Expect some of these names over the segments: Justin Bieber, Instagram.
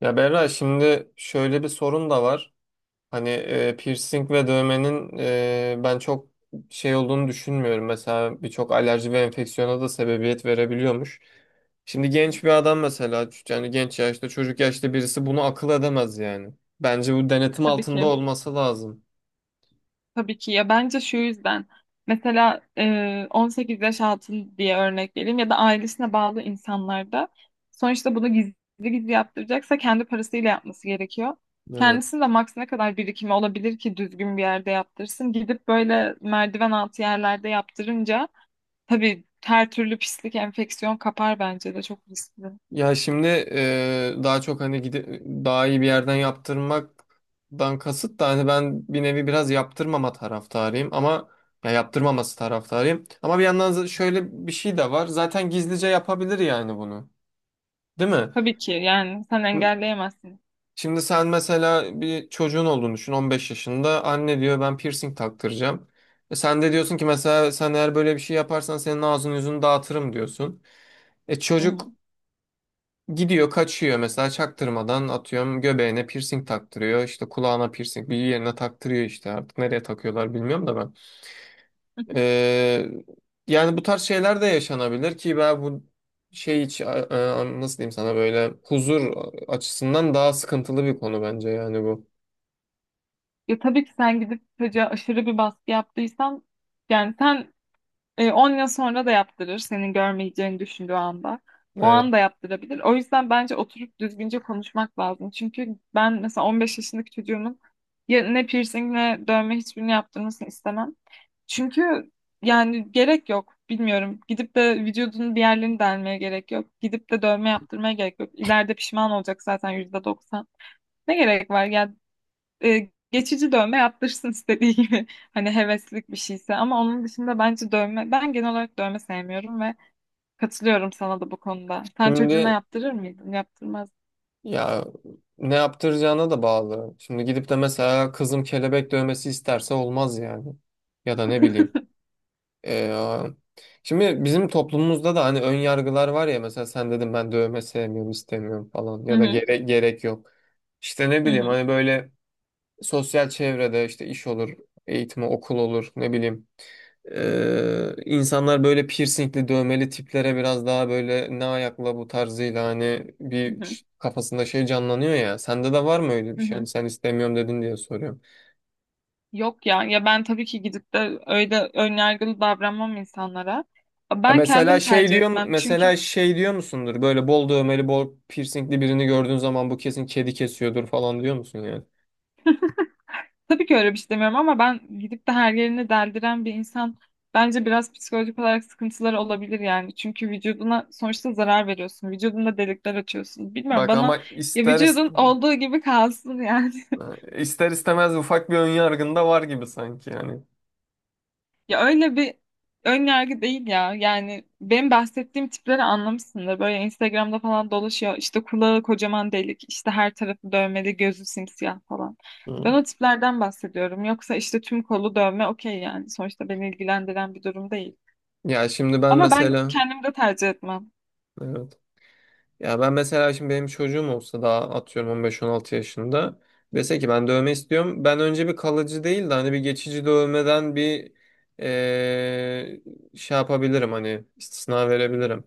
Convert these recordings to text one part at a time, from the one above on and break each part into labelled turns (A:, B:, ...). A: Ya Berra, şimdi şöyle bir sorun da var. Hani piercing ve dövmenin, ben çok şey olduğunu düşünmüyorum. Mesela birçok alerji ve enfeksiyona da sebebiyet verebiliyormuş. Şimdi genç bir adam mesela, yani genç yaşta, çocuk yaşta birisi bunu akıl edemez yani. Bence bu denetim
B: Tabii
A: altında
B: ki.
A: olması lazım.
B: Tabii ki ya bence şu yüzden mesela 18 yaş altı diye örnek vereyim ya da ailesine bağlı insanlarda sonuçta bunu gizli gizli yaptıracaksa kendi parasıyla yapması gerekiyor.
A: Evet.
B: Kendisinin de maks ne kadar birikimi olabilir ki düzgün bir yerde yaptırsın. Gidip böyle merdiven altı yerlerde yaptırınca tabii her türlü pislik, enfeksiyon kapar bence de çok riskli.
A: Ya şimdi daha çok hani daha iyi bir yerden yaptırmaktan kasıt da hani, ben bir nevi biraz yaptırmama taraftarıyım ama ya yaptırmaması taraftarıyım. Ama bir yandan şöyle bir şey de var. Zaten gizlice yapabilir yani bunu. Değil mi?
B: Tabii ki yani sen
A: Şimdi
B: engelleyemezsin.
A: şimdi sen mesela bir çocuğun olduğunu düşün, 15 yaşında. Anne diyor, ben piercing taktıracağım. E sen de diyorsun ki mesela, sen eğer böyle bir şey yaparsan senin ağzını yüzünü dağıtırım diyorsun. E
B: Hı hı.
A: çocuk gidiyor, kaçıyor mesela, çaktırmadan atıyorum göbeğine piercing taktırıyor, işte kulağına piercing, bir yerine taktırıyor işte, artık nereye takıyorlar bilmiyorum da ben. Ee, Yani bu tarz şeyler de yaşanabilir ki ben bu şey hiç nasıl diyeyim sana, böyle huzur açısından daha sıkıntılı bir konu bence yani bu.
B: Ya tabii ki sen gidip çocuğa aşırı bir baskı yaptıysan yani sen 10 yıl sonra da yaptırır senin görmeyeceğini düşündüğü anda. O
A: Evet.
B: anda yaptırabilir. O yüzden bence oturup düzgünce konuşmak lazım. Çünkü ben mesela 15 yaşındaki çocuğumun ya ne piercing ne dövme hiçbirini yaptırmasını istemem. Çünkü yani gerek yok. Bilmiyorum. Gidip de vücudunun bir yerlerini delmeye gerek yok. Gidip de dövme yaptırmaya gerek yok. İleride pişman olacak zaten %90. Ne gerek var? Geçici dövme yaptırsın istediği gibi. Hani heveslik bir şeyse ama onun dışında bence dövme ben genel olarak dövme sevmiyorum ve katılıyorum sana da bu konuda. Sen çocuğuna
A: Şimdi
B: yaptırır mıydın? Yaptırmaz.
A: ya ne yaptıracağına da bağlı. Şimdi gidip de mesela kızım kelebek dövmesi isterse olmaz yani, ya da ne bileyim. Ee, Şimdi bizim toplumumuzda da hani ön yargılar var ya. Mesela sen, dedim ben dövme sevmiyorum, istemiyorum falan,
B: Hı
A: ya da
B: hı,
A: gerek yok. İşte ne
B: hı
A: bileyim,
B: hı,
A: hani böyle sosyal çevrede işte iş olur, eğitim, okul olur, ne bileyim. İnsanlar böyle piercingli dövmeli tiplere biraz daha böyle ne ayakla bu tarzıyla, hani
B: hı hı,
A: kafasında şey canlanıyor ya. Sende de var mı öyle bir
B: hı
A: şey?
B: hı.
A: Hani sen istemiyorum dedin diye soruyorum.
B: Yok ya ben tabii ki gidip de öyle önyargılı davranmam insanlara.
A: Ya
B: Ben
A: mesela
B: kendim
A: şey
B: tercih
A: diyorsun,
B: etmem çünkü.
A: mesela şey diyor musundur? Böyle bol dövmeli, bol piercingli birini gördüğün zaman bu kesin kedi kesiyordur falan diyor musun yani?
B: Tabii ki öyle bir şey demiyorum ama ben gidip de her yerini deldiren bir insan bence biraz psikolojik olarak sıkıntıları olabilir yani. Çünkü vücuduna sonuçta zarar veriyorsun. Vücudunda delikler açıyorsun. Bilmiyorum,
A: Bak ama
B: bana ya vücudun olduğu gibi kalsın yani.
A: ister istemez ufak bir ön yargın da var gibi sanki yani.
B: Ya öyle bir ön yargı değil ya. Yani benim bahsettiğim tipleri anlamışsındır. Böyle Instagram'da falan dolaşıyor. İşte kulağı kocaman delik, işte her tarafı dövmeli, gözü simsiyah falan. Ben
A: Hı.
B: o tiplerden bahsediyorum. Yoksa işte tüm kolu dövme okey yani. Sonuçta beni ilgilendiren bir durum değil.
A: Ya şimdi ben
B: Ama ben
A: mesela,
B: kendim de tercih etmem.
A: evet. Ya ben mesela şimdi, benim çocuğum olsa, daha atıyorum 15-16 yaşında, dese ki ben dövme istiyorum. Ben önce bir kalıcı değil de hani bir geçici dövmeden bir eee, şey yapabilirim, hani istisna verebilirim.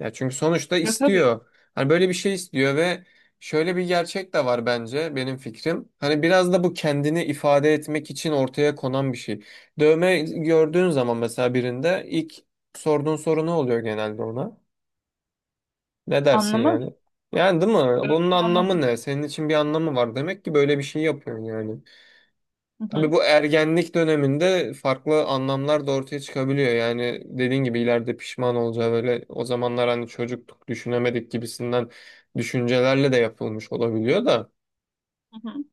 A: Ya çünkü sonuçta
B: Ya tabii
A: istiyor. Hani böyle bir şey istiyor ve şöyle bir gerçek de var bence, benim fikrim. Hani biraz da bu kendini ifade etmek için ortaya konan bir şey. Dövme gördüğün zaman mesela, birinde ilk sorduğun soru ne oluyor genelde ona? Ne dersin
B: anlamı,
A: yani? Yani değil mi? Bunun
B: dövmenin
A: anlamı
B: anlamı.
A: ne? Senin için bir anlamı var. Demek ki böyle bir şey yapıyorsun yani.
B: Hı
A: Tabii
B: hı,
A: bu ergenlik döneminde farklı anlamlar da ortaya çıkabiliyor. Yani dediğin gibi, ileride pişman olacağı, böyle o zamanlar hani çocuktuk, düşünemedik gibisinden düşüncelerle de yapılmış olabiliyor da.
B: hı hı.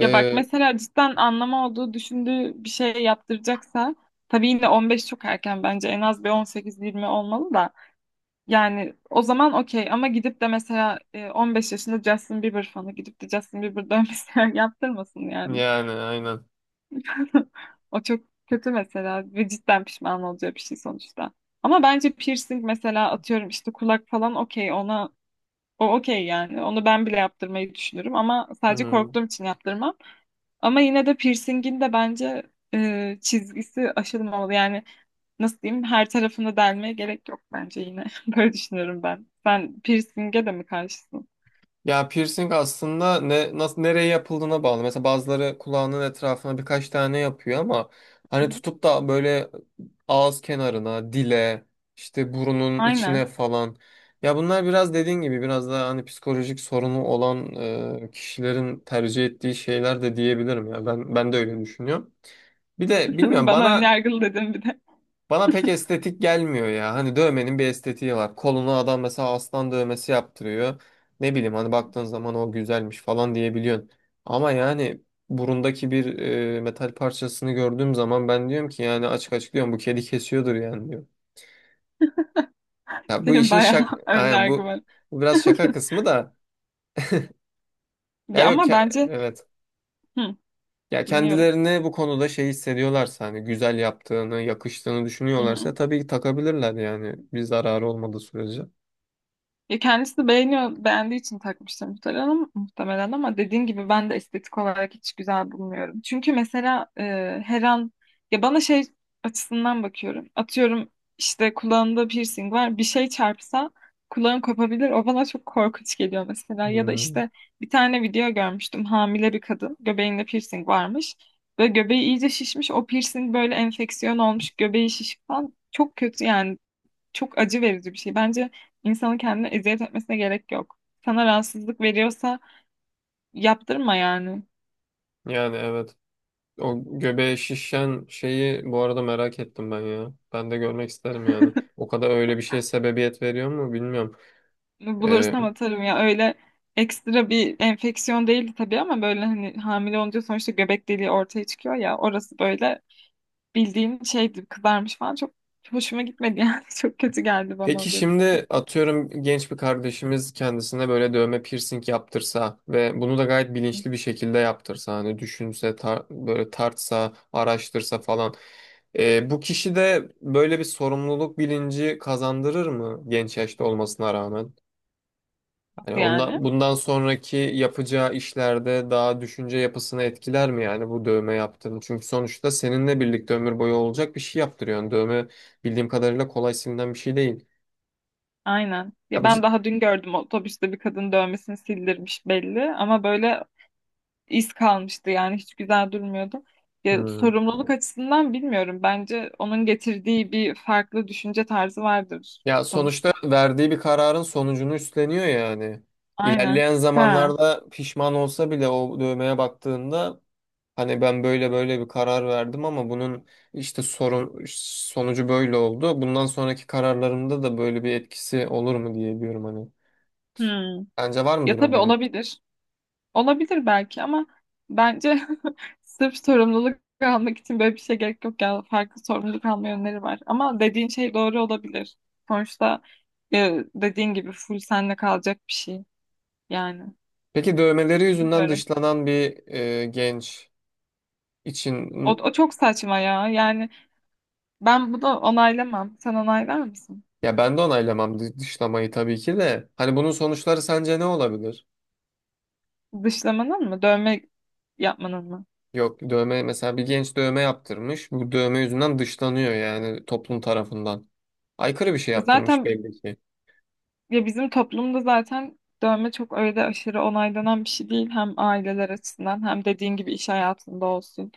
B: Ya bak mesela cidden anlamı olduğu düşündüğü bir şey yaptıracaksa. Tabii yine 15 çok erken bence. En az bir 18-20 olmalı da. Yani o zaman okey ama gidip de mesela 15 yaşında Justin Bieber fanı gidip de Justin Bieber dövmesi yaptırmasın yani.
A: Yani aynen.
B: O çok kötü mesela ve cidden pişman olacağı bir şey sonuçta. Ama bence piercing mesela atıyorum işte kulak falan okey ona o okey yani. Onu ben bile yaptırmayı düşünürüm ama sadece
A: Hı.
B: korktuğum için yaptırmam. Ama yine de piercingin de bence çizgisi aşılmamalı. Yani nasıl diyeyim her tarafını delmeye gerek yok bence yine. Böyle düşünüyorum ben. Sen piercing'e de mi karşısın?
A: Ya piercing aslında ne, nasıl, nereye yapıldığına bağlı. Mesela bazıları kulağının etrafına birkaç tane yapıyor, ama hani tutup da böyle ağız kenarına, dile, işte burunun
B: Aynen.
A: içine falan. Ya bunlar biraz dediğin gibi, biraz daha hani psikolojik sorunu olan kişilerin tercih ettiği şeyler de diyebilirim ya. Ben de öyle düşünüyorum. Bir de bilmiyorum,
B: Bana önyargılı dedin bir de.
A: bana pek estetik gelmiyor ya. Hani dövmenin bir estetiği var. Koluna adam mesela aslan dövmesi yaptırıyor. Ne bileyim, hani baktığın zaman o güzelmiş falan diyebiliyorsun. Ama yani burundaki bir metal parçasını gördüğüm zaman ben diyorum ki, yani açık açık diyorum, bu kedi kesiyordur yani diyorum. Ya bu
B: Senin
A: işin
B: bayağı
A: şak, aynen,
B: önyargı var.
A: bu biraz şaka kısmı da, ya
B: Ya
A: yok
B: ama
A: ke-
B: bence
A: evet.
B: hı,
A: Ya
B: dinliyorum.
A: kendilerini bu konuda şey hissediyorlarsa, hani güzel yaptığını, yakıştığını
B: Hı hı.
A: düşünüyorlarsa tabii ki takabilirler yani, bir zararı olmadığı sürece.
B: Ya kendisi beğeniyor, beğendiği için takmıştır muhtemelen ama dediğin gibi ben de estetik olarak hiç güzel bulmuyorum. Çünkü mesela her an ya bana şey açısından bakıyorum. Atıyorum işte kulağında piercing var. Bir şey çarpsa kulağım kopabilir. O bana çok korkunç geliyor mesela. Ya da
A: Hmm.
B: işte bir tane video görmüştüm. Hamile bir kadın göbeğinde piercing varmış ve göbeği iyice şişmiş. O piercing böyle enfeksiyon olmuş. Göbeği şişik falan. Çok kötü yani, çok acı verici bir şey. Bence insanın kendine eziyet etmesine gerek yok. Sana rahatsızlık veriyorsa yaptırma yani.
A: Yani evet. O göbeğe şişen şeyi bu arada merak ettim ben ya. Ben de görmek isterim yani. O kadar öyle bir şeye sebebiyet veriyor mu bilmiyorum. Ee,
B: Bulursam atarım ya. Öyle ekstra bir enfeksiyon değildi tabii ama böyle hani hamile olunca sonuçta göbek deliği ortaya çıkıyor ya. Orası böyle bildiğin şeydi, kızarmış falan. Çok hoşuma gitmedi yani. Çok kötü geldi bana
A: peki
B: o görüntü.
A: şimdi atıyorum, genç bir kardeşimiz kendisine böyle dövme, piercing yaptırsa ve bunu da gayet
B: Hı.
A: bilinçli bir şekilde yaptırsa, hani düşünse, böyle tartsa, araştırsa falan. Bu kişi de böyle bir sorumluluk bilinci kazandırır mı, genç yaşta olmasına rağmen? Yani
B: Nasıl yani?
A: bundan sonraki yapacağı işlerde daha düşünce yapısını etkiler mi yani bu dövme yaptığın? Çünkü sonuçta seninle birlikte ömür boyu olacak bir şey yaptırıyorsun. Dövme bildiğim kadarıyla kolay silinen bir şey değil.
B: Aynen.
A: Ya,
B: Ya ben daha dün gördüm otobüste bir kadın dövmesini sildirmiş belli ama böyle iz kalmıştı yani, hiç güzel durmuyordu. Ya,
A: Hmm.
B: sorumluluk açısından bilmiyorum. Bence onun getirdiği bir farklı düşünce tarzı vardır
A: Ya sonuçta
B: sonuçta.
A: verdiği bir kararın sonucunu üstleniyor yani.
B: Aynen.
A: İlerleyen
B: Ha.
A: zamanlarda pişman olsa bile o dövmeye baktığında, hani ben böyle bir karar verdim ama bunun işte sorun sonucu böyle oldu, bundan sonraki kararlarımda da böyle bir etkisi olur mu diye diyorum hani.
B: Hmm.
A: Bence var
B: Ya
A: mıdır
B: tabii
A: öyle bir?
B: olabilir. Olabilir belki ama bence sırf sorumluluk almak için böyle bir şey gerek yok ya. Farklı sorumluluk alma yönleri var. Ama dediğin şey doğru olabilir. Sonuçta dediğin gibi full senle kalacak bir şey. Yani
A: Peki dövmeleri yüzünden
B: bilmiyorum.
A: dışlanan bir genç için,
B: O çok saçma ya. Yani ben bunu onaylamam. Sen onaylar mısın?
A: ya ben de onaylamam dışlamayı tabii ki de. Hani bunun sonuçları sence ne olabilir?
B: Dışlamanın mı? Dövme yapmanın mı?
A: Yok, dövme mesela, bir genç dövme yaptırmış. Bu dövme yüzünden dışlanıyor yani toplum tarafından. Aykırı bir şey
B: Ya
A: yaptırmış
B: zaten
A: belli ki.
B: ya bizim toplumda zaten dövme çok öyle aşırı onaylanan bir şey değil. Hem aileler açısından hem dediğin gibi iş hayatında olsun,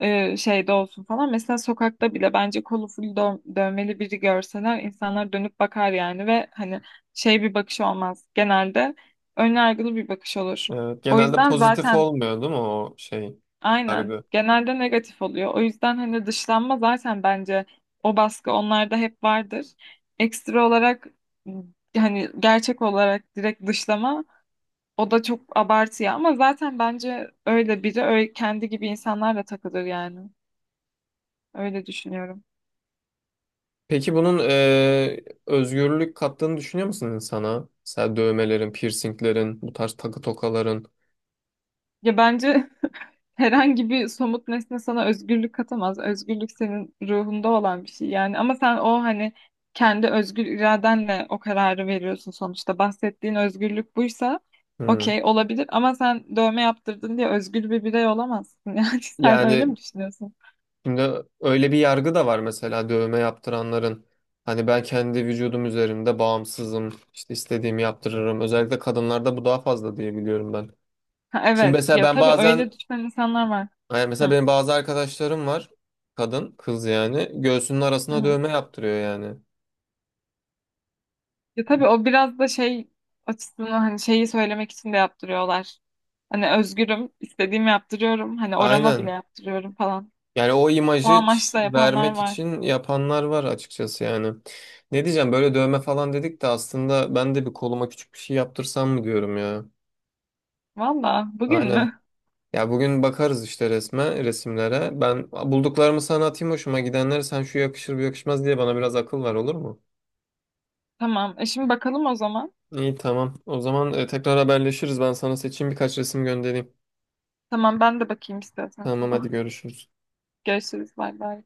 B: şeyde olsun falan. Mesela sokakta bile bence kolu full dövmeli biri görseler insanlar dönüp bakar yani ve hani şey bir bakış olmaz. Genelde ön yargılı bir bakış olur.
A: Evet,
B: O
A: genelde
B: yüzden
A: pozitif
B: zaten
A: olmuyor değil mi, o şey,
B: aynen.
A: yargı?
B: Genelde negatif oluyor. O yüzden hani dışlanma zaten bence o baskı onlarda hep vardır. Ekstra olarak m, hani gerçek olarak direkt dışlama o da çok abartı ya. Ama zaten bence öyle biri öyle kendi gibi insanlarla takılır yani. Öyle düşünüyorum.
A: Peki bunun özgürlük kattığını düşünüyor musun insana? Mesela dövmelerin, piercinglerin, bu tarz takı tokaların.
B: Ya bence herhangi bir somut nesne sana özgürlük katamaz. Özgürlük senin ruhunda olan bir şey yani. Ama sen o hani kendi özgür iradenle o kararı veriyorsun sonuçta. Bahsettiğin özgürlük buysa
A: Hmm.
B: okey olabilir ama sen dövme yaptırdın diye özgür bir birey olamazsın. Yani sen öyle
A: Yani
B: mi düşünüyorsun?
A: şimdi öyle bir yargı da var mesela dövme yaptıranların. Hani ben kendi vücudum üzerinde bağımsızım, işte istediğimi yaptırırım. Özellikle kadınlarda bu daha fazla diye biliyorum ben.
B: Ha,
A: Şimdi
B: evet.
A: mesela
B: Ya
A: ben
B: tabii
A: bazen,
B: öyle düşünen insanlar var.
A: yani mesela
B: Hı.
A: benim bazı arkadaşlarım var, kadın, kız yani, göğsünün arasına
B: Hı.
A: dövme yaptırıyor yani.
B: Ya tabii o biraz da şey açısından hani şeyi söylemek için de yaptırıyorlar. Hani özgürüm, istediğimi yaptırıyorum. Hani orama bile
A: Aynen.
B: yaptırıyorum falan.
A: Yani o
B: O
A: imajı
B: amaçla yapanlar
A: vermek
B: var.
A: için yapanlar var açıkçası yani. Ne diyeceğim, böyle dövme falan dedik de, aslında ben de bir koluma küçük bir şey yaptırsam mı diyorum ya.
B: Valla bugün
A: Aynen.
B: mü?
A: Ya bugün bakarız işte resimlere. Ben bulduklarımı sana atayım, hoşuma gidenleri, sen şu yakışır bu yakışmaz diye bana biraz akıl ver, olur mu?
B: Tamam. E şimdi bakalım o zaman.
A: İyi, tamam. O zaman tekrar haberleşiriz. Ben sana seçeyim birkaç resim göndereyim.
B: Tamam ben de bakayım istiyorsan sana.
A: Tamam, hadi görüşürüz.
B: Görüşürüz. Bay bay.